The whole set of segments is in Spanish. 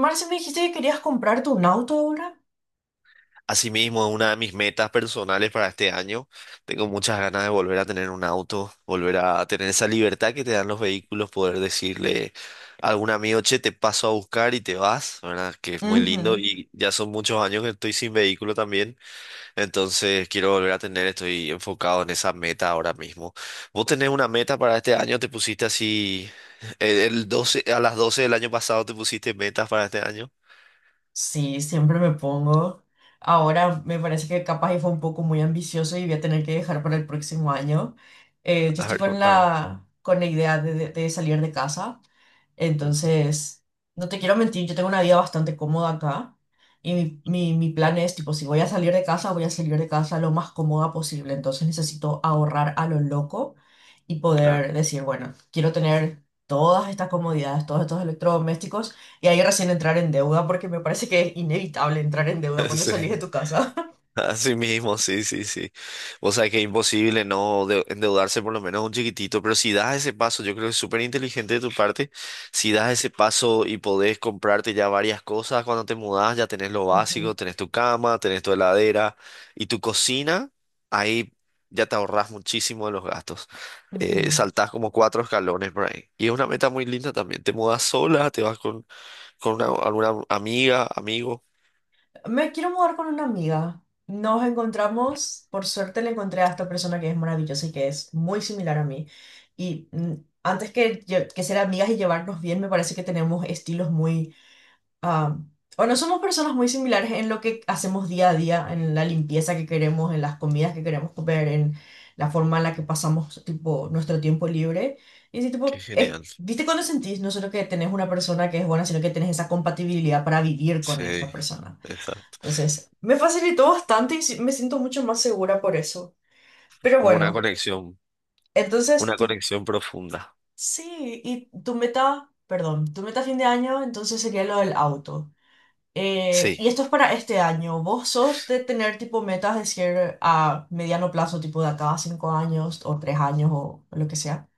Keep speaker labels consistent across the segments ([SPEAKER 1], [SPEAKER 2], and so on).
[SPEAKER 1] Marcia, me dijiste que querías comprarte un auto ahora.
[SPEAKER 2] Asimismo, una de mis metas personales para este año, tengo muchas ganas de volver a tener un auto, volver a tener esa libertad que te dan los vehículos, poder decirle a algún amigo, che, te paso a buscar y te vas, ¿verdad? Que es muy lindo
[SPEAKER 1] Ujú.
[SPEAKER 2] y ya son muchos años que estoy sin vehículo también, entonces quiero volver a tener, estoy enfocado en esa meta ahora mismo. ¿Vos tenés una meta para este año? ¿Te pusiste así el 12, a las 12 del año pasado te pusiste metas para este año?
[SPEAKER 1] Sí, siempre me pongo. Ahora me parece que capaz y fue un poco muy ambicioso y voy a tener que dejar para el próximo año. Yo
[SPEAKER 2] A
[SPEAKER 1] estoy
[SPEAKER 2] ver,
[SPEAKER 1] con
[SPEAKER 2] contame.
[SPEAKER 1] con la idea de salir de casa.
[SPEAKER 2] Mm.
[SPEAKER 1] Entonces, no te quiero mentir, yo tengo una vida bastante cómoda acá, y mi plan es, tipo, si voy a salir de casa, voy a salir de casa lo más cómoda posible. Entonces necesito ahorrar a lo loco y
[SPEAKER 2] Claro.
[SPEAKER 1] poder decir, bueno, quiero tener todas estas comodidades, todos estos electrodomésticos, y ahí recién entrar en deuda porque me parece que es inevitable entrar en deuda cuando
[SPEAKER 2] Sí.
[SPEAKER 1] salís de tu casa.
[SPEAKER 2] Así mismo, sí, sí, sí. O sea que es imposible no endeudarse por lo menos un chiquitito, pero si das ese paso, yo creo que es súper inteligente de tu parte, si das ese paso y podés comprarte ya varias cosas cuando te mudás, ya tenés lo
[SPEAKER 1] Ujú,
[SPEAKER 2] básico, tenés tu cama, tenés tu heladera y tu cocina, ahí ya te ahorrás muchísimo de los gastos.
[SPEAKER 1] ujú.
[SPEAKER 2] Saltás como cuatro escalones por ahí. Y es una meta muy linda también. Te mudás sola, te vas con una, alguna amiga, amigo.
[SPEAKER 1] Me quiero mudar con una amiga. Nos encontramos, por suerte le encontré a esta persona que es maravillosa y que es muy similar a mí. Y antes que, que ser amigas y llevarnos bien, me parece que tenemos estilos muy... ah, o no somos personas muy similares en lo que hacemos día a día, en la limpieza que queremos, en las comidas que queremos comer, en la forma en la que pasamos, tipo, nuestro tiempo libre. Y así,
[SPEAKER 2] Qué
[SPEAKER 1] tipo,
[SPEAKER 2] genial.
[SPEAKER 1] ¿viste cuando sentís no solo que tenés una persona que es buena, sino que tenés esa compatibilidad para vivir con
[SPEAKER 2] Sí,
[SPEAKER 1] esta persona?
[SPEAKER 2] exacto.
[SPEAKER 1] Entonces, me facilitó bastante y me siento mucho más segura por eso. Pero
[SPEAKER 2] Como
[SPEAKER 1] bueno, entonces
[SPEAKER 2] una
[SPEAKER 1] tú,
[SPEAKER 2] conexión profunda.
[SPEAKER 1] sí, y tu meta, perdón, tu meta a fin de año entonces sería lo del auto.
[SPEAKER 2] Sí,
[SPEAKER 1] Y esto es para este año. ¿Vos sos de tener tipo metas, decir, a mediano plazo, tipo de acá a 5 años o 3 años o lo que sea?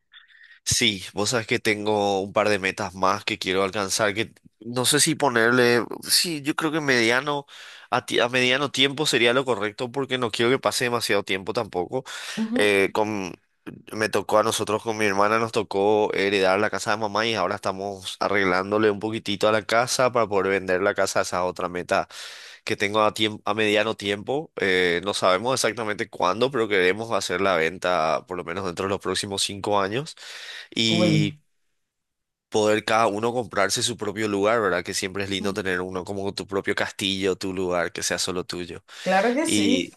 [SPEAKER 2] sí, vos sabés que tengo un par de metas más que quiero alcanzar, que no sé si ponerle, sí, yo creo que mediano, a, a mediano tiempo sería lo correcto porque no quiero que pase demasiado tiempo tampoco.
[SPEAKER 1] Ujú.
[SPEAKER 2] Eh, con, Me tocó a nosotros con mi hermana, nos tocó heredar la casa de mamá y ahora estamos arreglándole un poquitito a la casa para poder vender la casa, esa es otra meta que tengo a a mediano tiempo. No sabemos exactamente cuándo, pero queremos hacer la venta por lo menos dentro de los próximos 5 años
[SPEAKER 1] Uy,
[SPEAKER 2] y poder cada uno comprarse su propio lugar, ¿verdad? Que siempre es lindo
[SPEAKER 1] mm,
[SPEAKER 2] tener uno como tu propio castillo, tu lugar, que sea solo tuyo.
[SPEAKER 1] claro que sí.
[SPEAKER 2] Y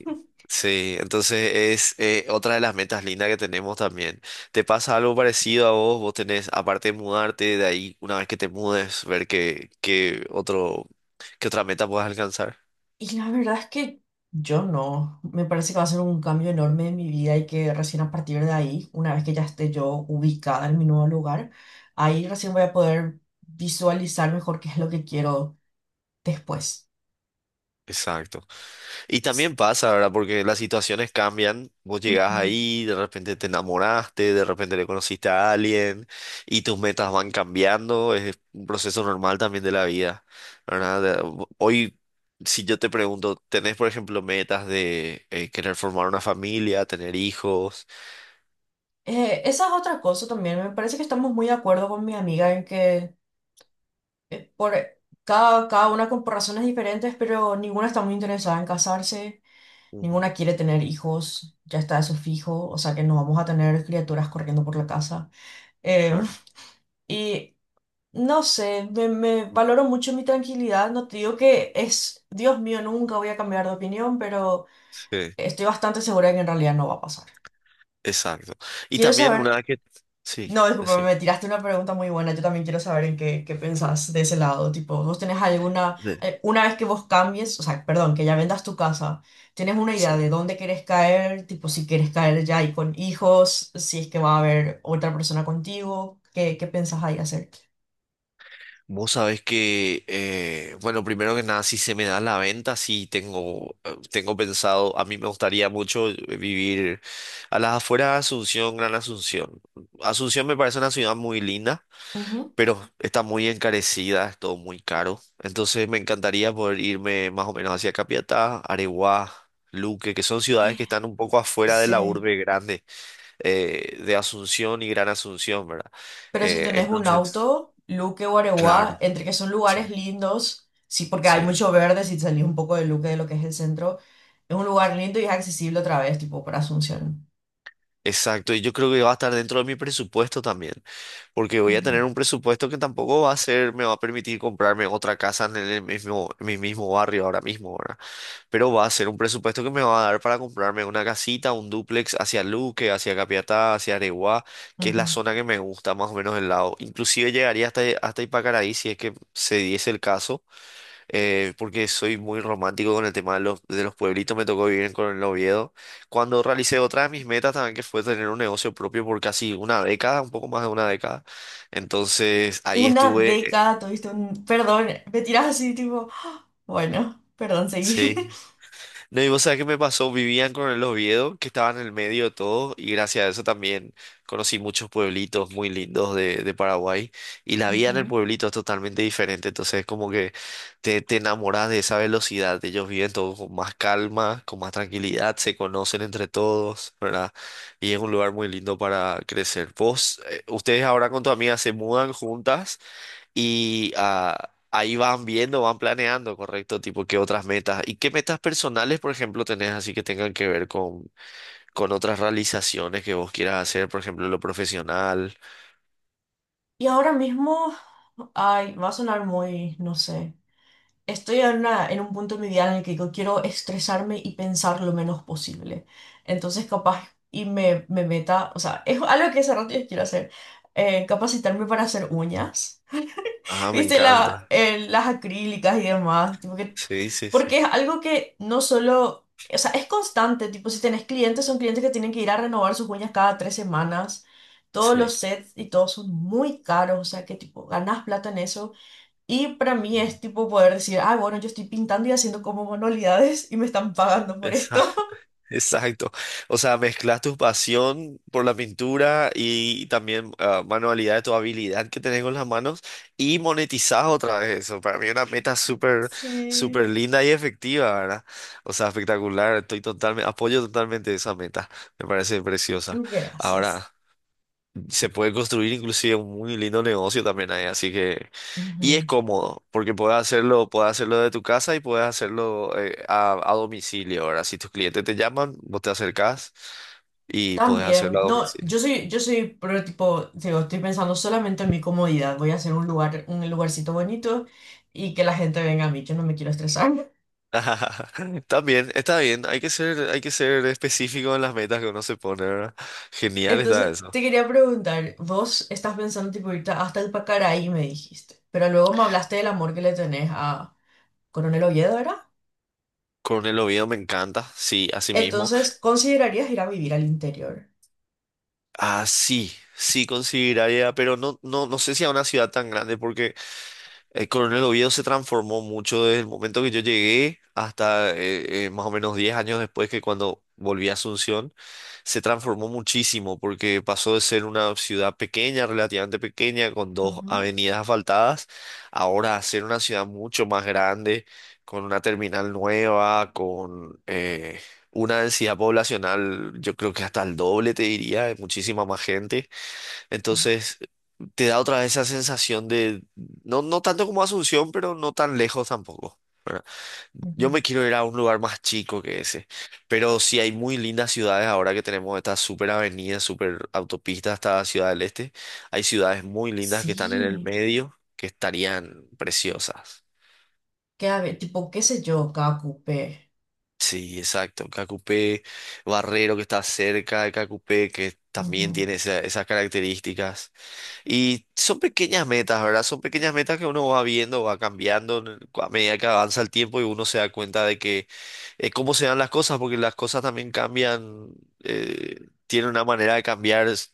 [SPEAKER 2] sí, entonces es otra de las metas lindas que tenemos también. ¿Te pasa algo parecido a vos? Vos tenés, aparte de mudarte de ahí, una vez que te mudes, ver qué otra meta puedas alcanzar.
[SPEAKER 1] Y la verdad es que yo no. Me parece que va a ser un cambio enorme en mi vida y que recién a partir de ahí, una vez que ya esté yo ubicada en mi nuevo lugar, ahí recién voy a poder visualizar mejor qué es lo que quiero después.
[SPEAKER 2] Exacto. Y
[SPEAKER 1] S-
[SPEAKER 2] también pasa, ¿verdad? Porque las situaciones cambian. Vos llegás
[SPEAKER 1] Ujú.
[SPEAKER 2] ahí, de repente te enamoraste, de repente le conociste a alguien y tus metas van cambiando. Es un proceso normal también de la vida, ¿verdad? De- Hoy, si yo te pregunto, ¿tenés, por ejemplo, metas de querer formar una familia, tener hijos?
[SPEAKER 1] Esa es otra cosa también. Me parece que estamos muy de acuerdo con mi amiga en que por cada una con por razones diferentes, pero ninguna está muy interesada en casarse.
[SPEAKER 2] Ujú.
[SPEAKER 1] Ninguna quiere tener hijos, ya está eso fijo, o sea que no vamos a tener criaturas corriendo por la casa. Em,
[SPEAKER 2] Claro.
[SPEAKER 1] y no sé, me valoro mucho mi tranquilidad. No te digo que es, Dios mío, nunca voy a cambiar de opinión, pero
[SPEAKER 2] Sí,
[SPEAKER 1] estoy bastante segura de que en realidad no va a pasar.
[SPEAKER 2] exacto. Y
[SPEAKER 1] Quiero
[SPEAKER 2] también
[SPEAKER 1] saber,
[SPEAKER 2] una vez que... Sí,
[SPEAKER 1] no, disculpa,
[SPEAKER 2] decime.
[SPEAKER 1] me tiraste una pregunta muy buena. Yo también quiero saber en qué, qué pensás de ese lado. Tipo, ¿vos tenés alguna, una vez que vos cambies, o sea, perdón, que ya vendas tu casa, ¿tienes una idea
[SPEAKER 2] Sí.
[SPEAKER 1] de dónde querés caer? Tipo, si querés caer ya y con hijos, si es que va a haber otra persona contigo, ¿qué, qué pensás ahí hacer?
[SPEAKER 2] Vos sabés que, bueno, primero que nada, si se me da la venta, sí tengo pensado, a mí me gustaría mucho vivir a las afueras de Asunción, Gran Asunción. Asunción me parece una ciudad muy linda,
[SPEAKER 1] Ujú.
[SPEAKER 2] pero está muy encarecida, es todo muy caro. Entonces me encantaría poder irme más o menos hacia Capiatá, Areguá, Luque, que son ciudades que están un poco afuera de la
[SPEAKER 1] Sí,
[SPEAKER 2] urbe grande, de Asunción y Gran Asunción, ¿verdad?
[SPEAKER 1] pero si tenés un
[SPEAKER 2] Entonces,
[SPEAKER 1] auto, Luque, Guareguá,
[SPEAKER 2] claro,
[SPEAKER 1] entre que son
[SPEAKER 2] sí,
[SPEAKER 1] lugares lindos, sí, porque hay
[SPEAKER 2] sí.
[SPEAKER 1] mucho verde, si salís un poco de Luque, de lo que es el centro, es un lugar lindo y es accesible otra vez, tipo, para Asunción.
[SPEAKER 2] Exacto, y yo creo que va a estar dentro de mi presupuesto también, porque voy a
[SPEAKER 1] Ujú,
[SPEAKER 2] tener un presupuesto que tampoco va a ser, me va a permitir comprarme otra casa en el mismo, en mi mismo barrio ahora mismo, ¿verdad? Pero va a ser un presupuesto que me va a dar para comprarme una casita, un dúplex hacia Luque, hacia Capiatá, hacia Areguá, que es la
[SPEAKER 1] ujú.
[SPEAKER 2] zona que me gusta más o menos del lado. Inclusive llegaría hasta, hasta Ipacaraí si es que se diese el caso, porque soy muy romántico con el tema de los pueblitos, me tocó vivir en Coronel Oviedo, cuando realicé otra de mis metas también, que fue tener un negocio propio por casi una década, un poco más de una década. Entonces, ahí
[SPEAKER 1] Una
[SPEAKER 2] estuve,
[SPEAKER 1] década tuviste un... Perdón, me tirás así, tipo... Bueno, perdón, seguí.
[SPEAKER 2] sí. No, y vos sabés qué me pasó, vivían con el Oviedo, que estaba en el medio de todo, y gracias a eso también conocí muchos pueblitos muy lindos de Paraguay, y la vida en el
[SPEAKER 1] Ujú.
[SPEAKER 2] pueblito es totalmente diferente, entonces es como que te enamoras de esa velocidad, ellos viven todo con más calma, con más tranquilidad, se conocen entre todos, ¿verdad? Y es un lugar muy lindo para crecer. Vos, ustedes ahora con tu amiga se mudan juntas. Y ahí van viendo, van planeando, correcto, tipo, qué otras metas. ¿Y qué metas personales, por ejemplo, tenés así que tengan que ver con otras realizaciones que vos quieras hacer, por ejemplo, lo profesional?
[SPEAKER 1] Y ahora mismo, ay, va a sonar muy, no sé. Estoy en, en un punto en mi vida en el que yo quiero estresarme y pensar lo menos posible. Entonces, capaz, y me meta, o sea, es algo que hace rato yo quiero hacer, capacitarme para hacer uñas,
[SPEAKER 2] Ah, me
[SPEAKER 1] viste, la,
[SPEAKER 2] encanta.
[SPEAKER 1] las acrílicas y demás, tipo que,
[SPEAKER 2] Sí, sí, sí.
[SPEAKER 1] porque es algo que no solo, o sea, es constante, tipo, si tenés clientes, son clientes que tienen que ir a renovar sus uñas cada 3 semanas, todos
[SPEAKER 2] Sí.
[SPEAKER 1] los sets y todos son muy caros, o sea, que tipo, ganas plata en eso y para mí
[SPEAKER 2] Ujú.
[SPEAKER 1] es tipo poder decir, ah, bueno, yo estoy pintando y haciendo como manualidades y me están pagando por
[SPEAKER 2] Esa.
[SPEAKER 1] esto.
[SPEAKER 2] Exacto. O sea, mezclas tu pasión por la pintura y también manualidad, tu habilidad que tenés con las manos y monetizás otra vez eso. Para mí es una meta súper,
[SPEAKER 1] Sí,
[SPEAKER 2] súper linda y efectiva, ¿verdad? O sea, espectacular. Estoy totalmente, apoyo totalmente esa meta. Me parece preciosa.
[SPEAKER 1] gracias.
[SPEAKER 2] Ahora, se puede construir inclusive un muy lindo negocio también ahí, así que... Y es
[SPEAKER 1] Ujú.
[SPEAKER 2] cómodo, porque puedes hacerlo de tu casa y puedes hacerlo a domicilio. Ahora, si tus clientes te llaman, vos te acercás y puedes
[SPEAKER 1] También,
[SPEAKER 2] hacerlo a
[SPEAKER 1] no,
[SPEAKER 2] domicilio.
[SPEAKER 1] yo soy, pero tipo, digo, estoy pensando solamente en mi comodidad. Voy a hacer un lugar, un lugarcito bonito y que la gente venga a mí. Yo no me quiero estresar.
[SPEAKER 2] También, está bien, hay que ser específico en las metas que uno se pone, ¿verdad? Genial está
[SPEAKER 1] Entonces,
[SPEAKER 2] eso.
[SPEAKER 1] te quería preguntar, vos estás pensando tipo irte hasta el Pacaraí, me dijiste, pero luego me hablaste del amor que le tenés a Coronel Oviedo.
[SPEAKER 2] Coronel Oviedo me encanta, sí, así mismo.
[SPEAKER 1] Entonces, ¿considerarías ir a vivir al interior?
[SPEAKER 2] Ah, sí, sí consideraría, pero no, no, no sé si a una ciudad tan grande, porque el Coronel Oviedo se transformó mucho desde el momento que yo llegué hasta más o menos 10 años después que cuando volví a Asunción, se transformó muchísimo porque pasó de ser una ciudad pequeña, relativamente pequeña, con dos
[SPEAKER 1] Ujú,
[SPEAKER 2] avenidas asfaltadas, ahora a ser una ciudad mucho más grande, con una terminal nueva, con una densidad poblacional, yo creo que hasta el doble, te diría, de muchísima más gente.
[SPEAKER 1] uf,
[SPEAKER 2] Entonces, te da otra vez esa sensación de, no, no tanto como Asunción, pero no tan lejos tampoco. ¿Verdad? Yo
[SPEAKER 1] ujú.
[SPEAKER 2] me quiero ir a un lugar más chico que ese, pero sí hay muy lindas ciudades ahora que tenemos estas super avenidas, super autopistas hasta Ciudad del Este. Hay ciudades muy lindas que están en el
[SPEAKER 1] Sí,
[SPEAKER 2] medio, que estarían preciosas.
[SPEAKER 1] que a ver, tipo, qué sé yo, cada cupé.
[SPEAKER 2] Sí, exacto. Cacupé, Barrero que está cerca de Cacupé, que también
[SPEAKER 1] Ujú,
[SPEAKER 2] tiene esas características. Y son pequeñas metas, ¿verdad? Son pequeñas metas que uno va viendo, va cambiando a medida que avanza el tiempo y uno se da cuenta de que cómo se dan las cosas, porque las cosas también cambian, eh, tiene una manera de cambiar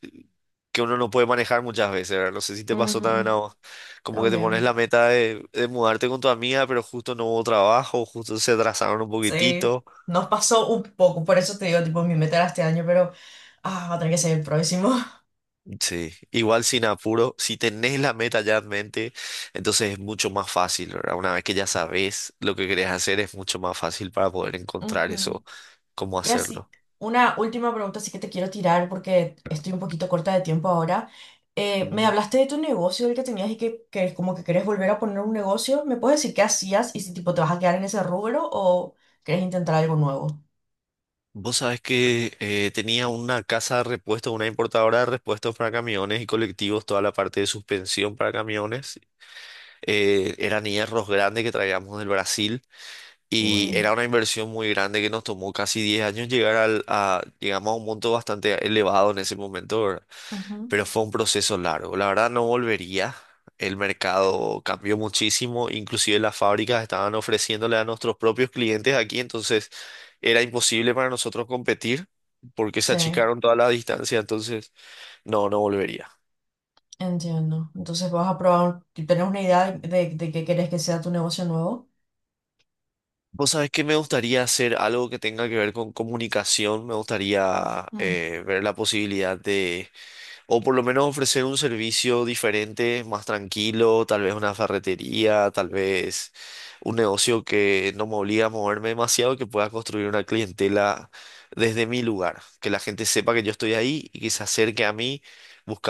[SPEAKER 2] que uno no puede manejar muchas veces, ¿verdad? No sé si te pasó también
[SPEAKER 1] ujú,
[SPEAKER 2] a vos, como que te pones
[SPEAKER 1] también.
[SPEAKER 2] la meta de mudarte con tu amiga, pero justo no hubo trabajo, justo se atrasaron un
[SPEAKER 1] Sí,
[SPEAKER 2] poquitito.
[SPEAKER 1] nos pasó un poco, por eso te digo, tipo, mi meta era este año, pero va a tener que ser el próximo.
[SPEAKER 2] Sí, igual sin apuro, si tenés la meta ya en mente, entonces es mucho más fácil, ¿verdad? Una vez que ya sabes lo que querés hacer, es mucho más fácil para poder encontrar
[SPEAKER 1] Ujú.
[SPEAKER 2] eso, cómo
[SPEAKER 1] Y así,
[SPEAKER 2] hacerlo.
[SPEAKER 1] una última pregunta, así que te quiero tirar porque estoy un poquito corta de tiempo ahora. Me
[SPEAKER 2] Mm.
[SPEAKER 1] hablaste de tu negocio, el que tenías y que como que querés volver a poner un negocio. ¿Me puedes decir qué hacías y si tipo te vas a quedar en ese rubro o querés intentar algo nuevo?
[SPEAKER 2] Vos sabés que tenía una casa de repuestos, una importadora de repuestos para camiones y colectivos, toda la parte de suspensión para camiones. Eran hierros grandes que traíamos del Brasil y era
[SPEAKER 1] Uy,
[SPEAKER 2] una inversión muy grande que nos tomó casi 10 años llegar llegamos a un monto bastante elevado en ese momento, ¿verdad?
[SPEAKER 1] ujú.
[SPEAKER 2] Pero fue un proceso largo. La verdad no volvería. El mercado cambió muchísimo, inclusive las fábricas estaban ofreciéndole a nuestros propios clientes aquí, entonces era imposible para nosotros competir porque se
[SPEAKER 1] Sí,
[SPEAKER 2] achicaron todas las distancias, entonces no, no volvería.
[SPEAKER 1] entiendo. Entonces vas a probar, ¿tenés una idea de qué querés que sea tu negocio nuevo?
[SPEAKER 2] Vos sabés que me gustaría hacer algo que tenga que ver con comunicación, me gustaría
[SPEAKER 1] Mm,
[SPEAKER 2] ver la posibilidad de o por lo menos ofrecer un servicio diferente, más tranquilo, tal vez una ferretería, tal vez un negocio que no me obliga a moverme demasiado, que pueda construir una clientela desde mi lugar, que la gente sepa que yo estoy ahí y que se acerque a mí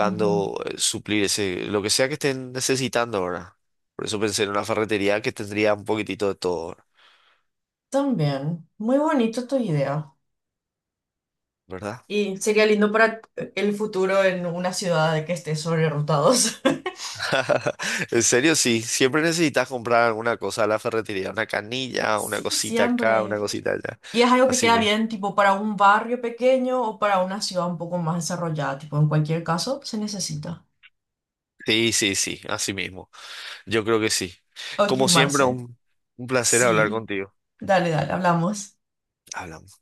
[SPEAKER 1] ujú.
[SPEAKER 2] suplir ese, lo que sea que estén necesitando ahora. Por eso pensé en una ferretería que tendría un poquitito de todo,
[SPEAKER 1] También, muy bonito tu idea.
[SPEAKER 2] ¿verdad?
[SPEAKER 1] Y sería lindo para el futuro en una ciudad de que esté sobre rotados.
[SPEAKER 2] En serio, sí, siempre necesitas comprar alguna cosa a la ferretería, una canilla, una
[SPEAKER 1] Sí,
[SPEAKER 2] cosita acá, una
[SPEAKER 1] siempre.
[SPEAKER 2] cosita allá.
[SPEAKER 1] Y es algo que
[SPEAKER 2] Así
[SPEAKER 1] queda
[SPEAKER 2] mismo.
[SPEAKER 1] bien, tipo, para un barrio pequeño o para una ciudad un poco más desarrollada. Tipo, en cualquier caso, se necesita.
[SPEAKER 2] Sí, sí, sí, así mismo. Yo creo que sí.
[SPEAKER 1] Ok,
[SPEAKER 2] Como siempre,
[SPEAKER 1] Marce.
[SPEAKER 2] un placer hablar
[SPEAKER 1] Sí.
[SPEAKER 2] contigo.
[SPEAKER 1] Dale, dale, hablamos.
[SPEAKER 2] Hablamos.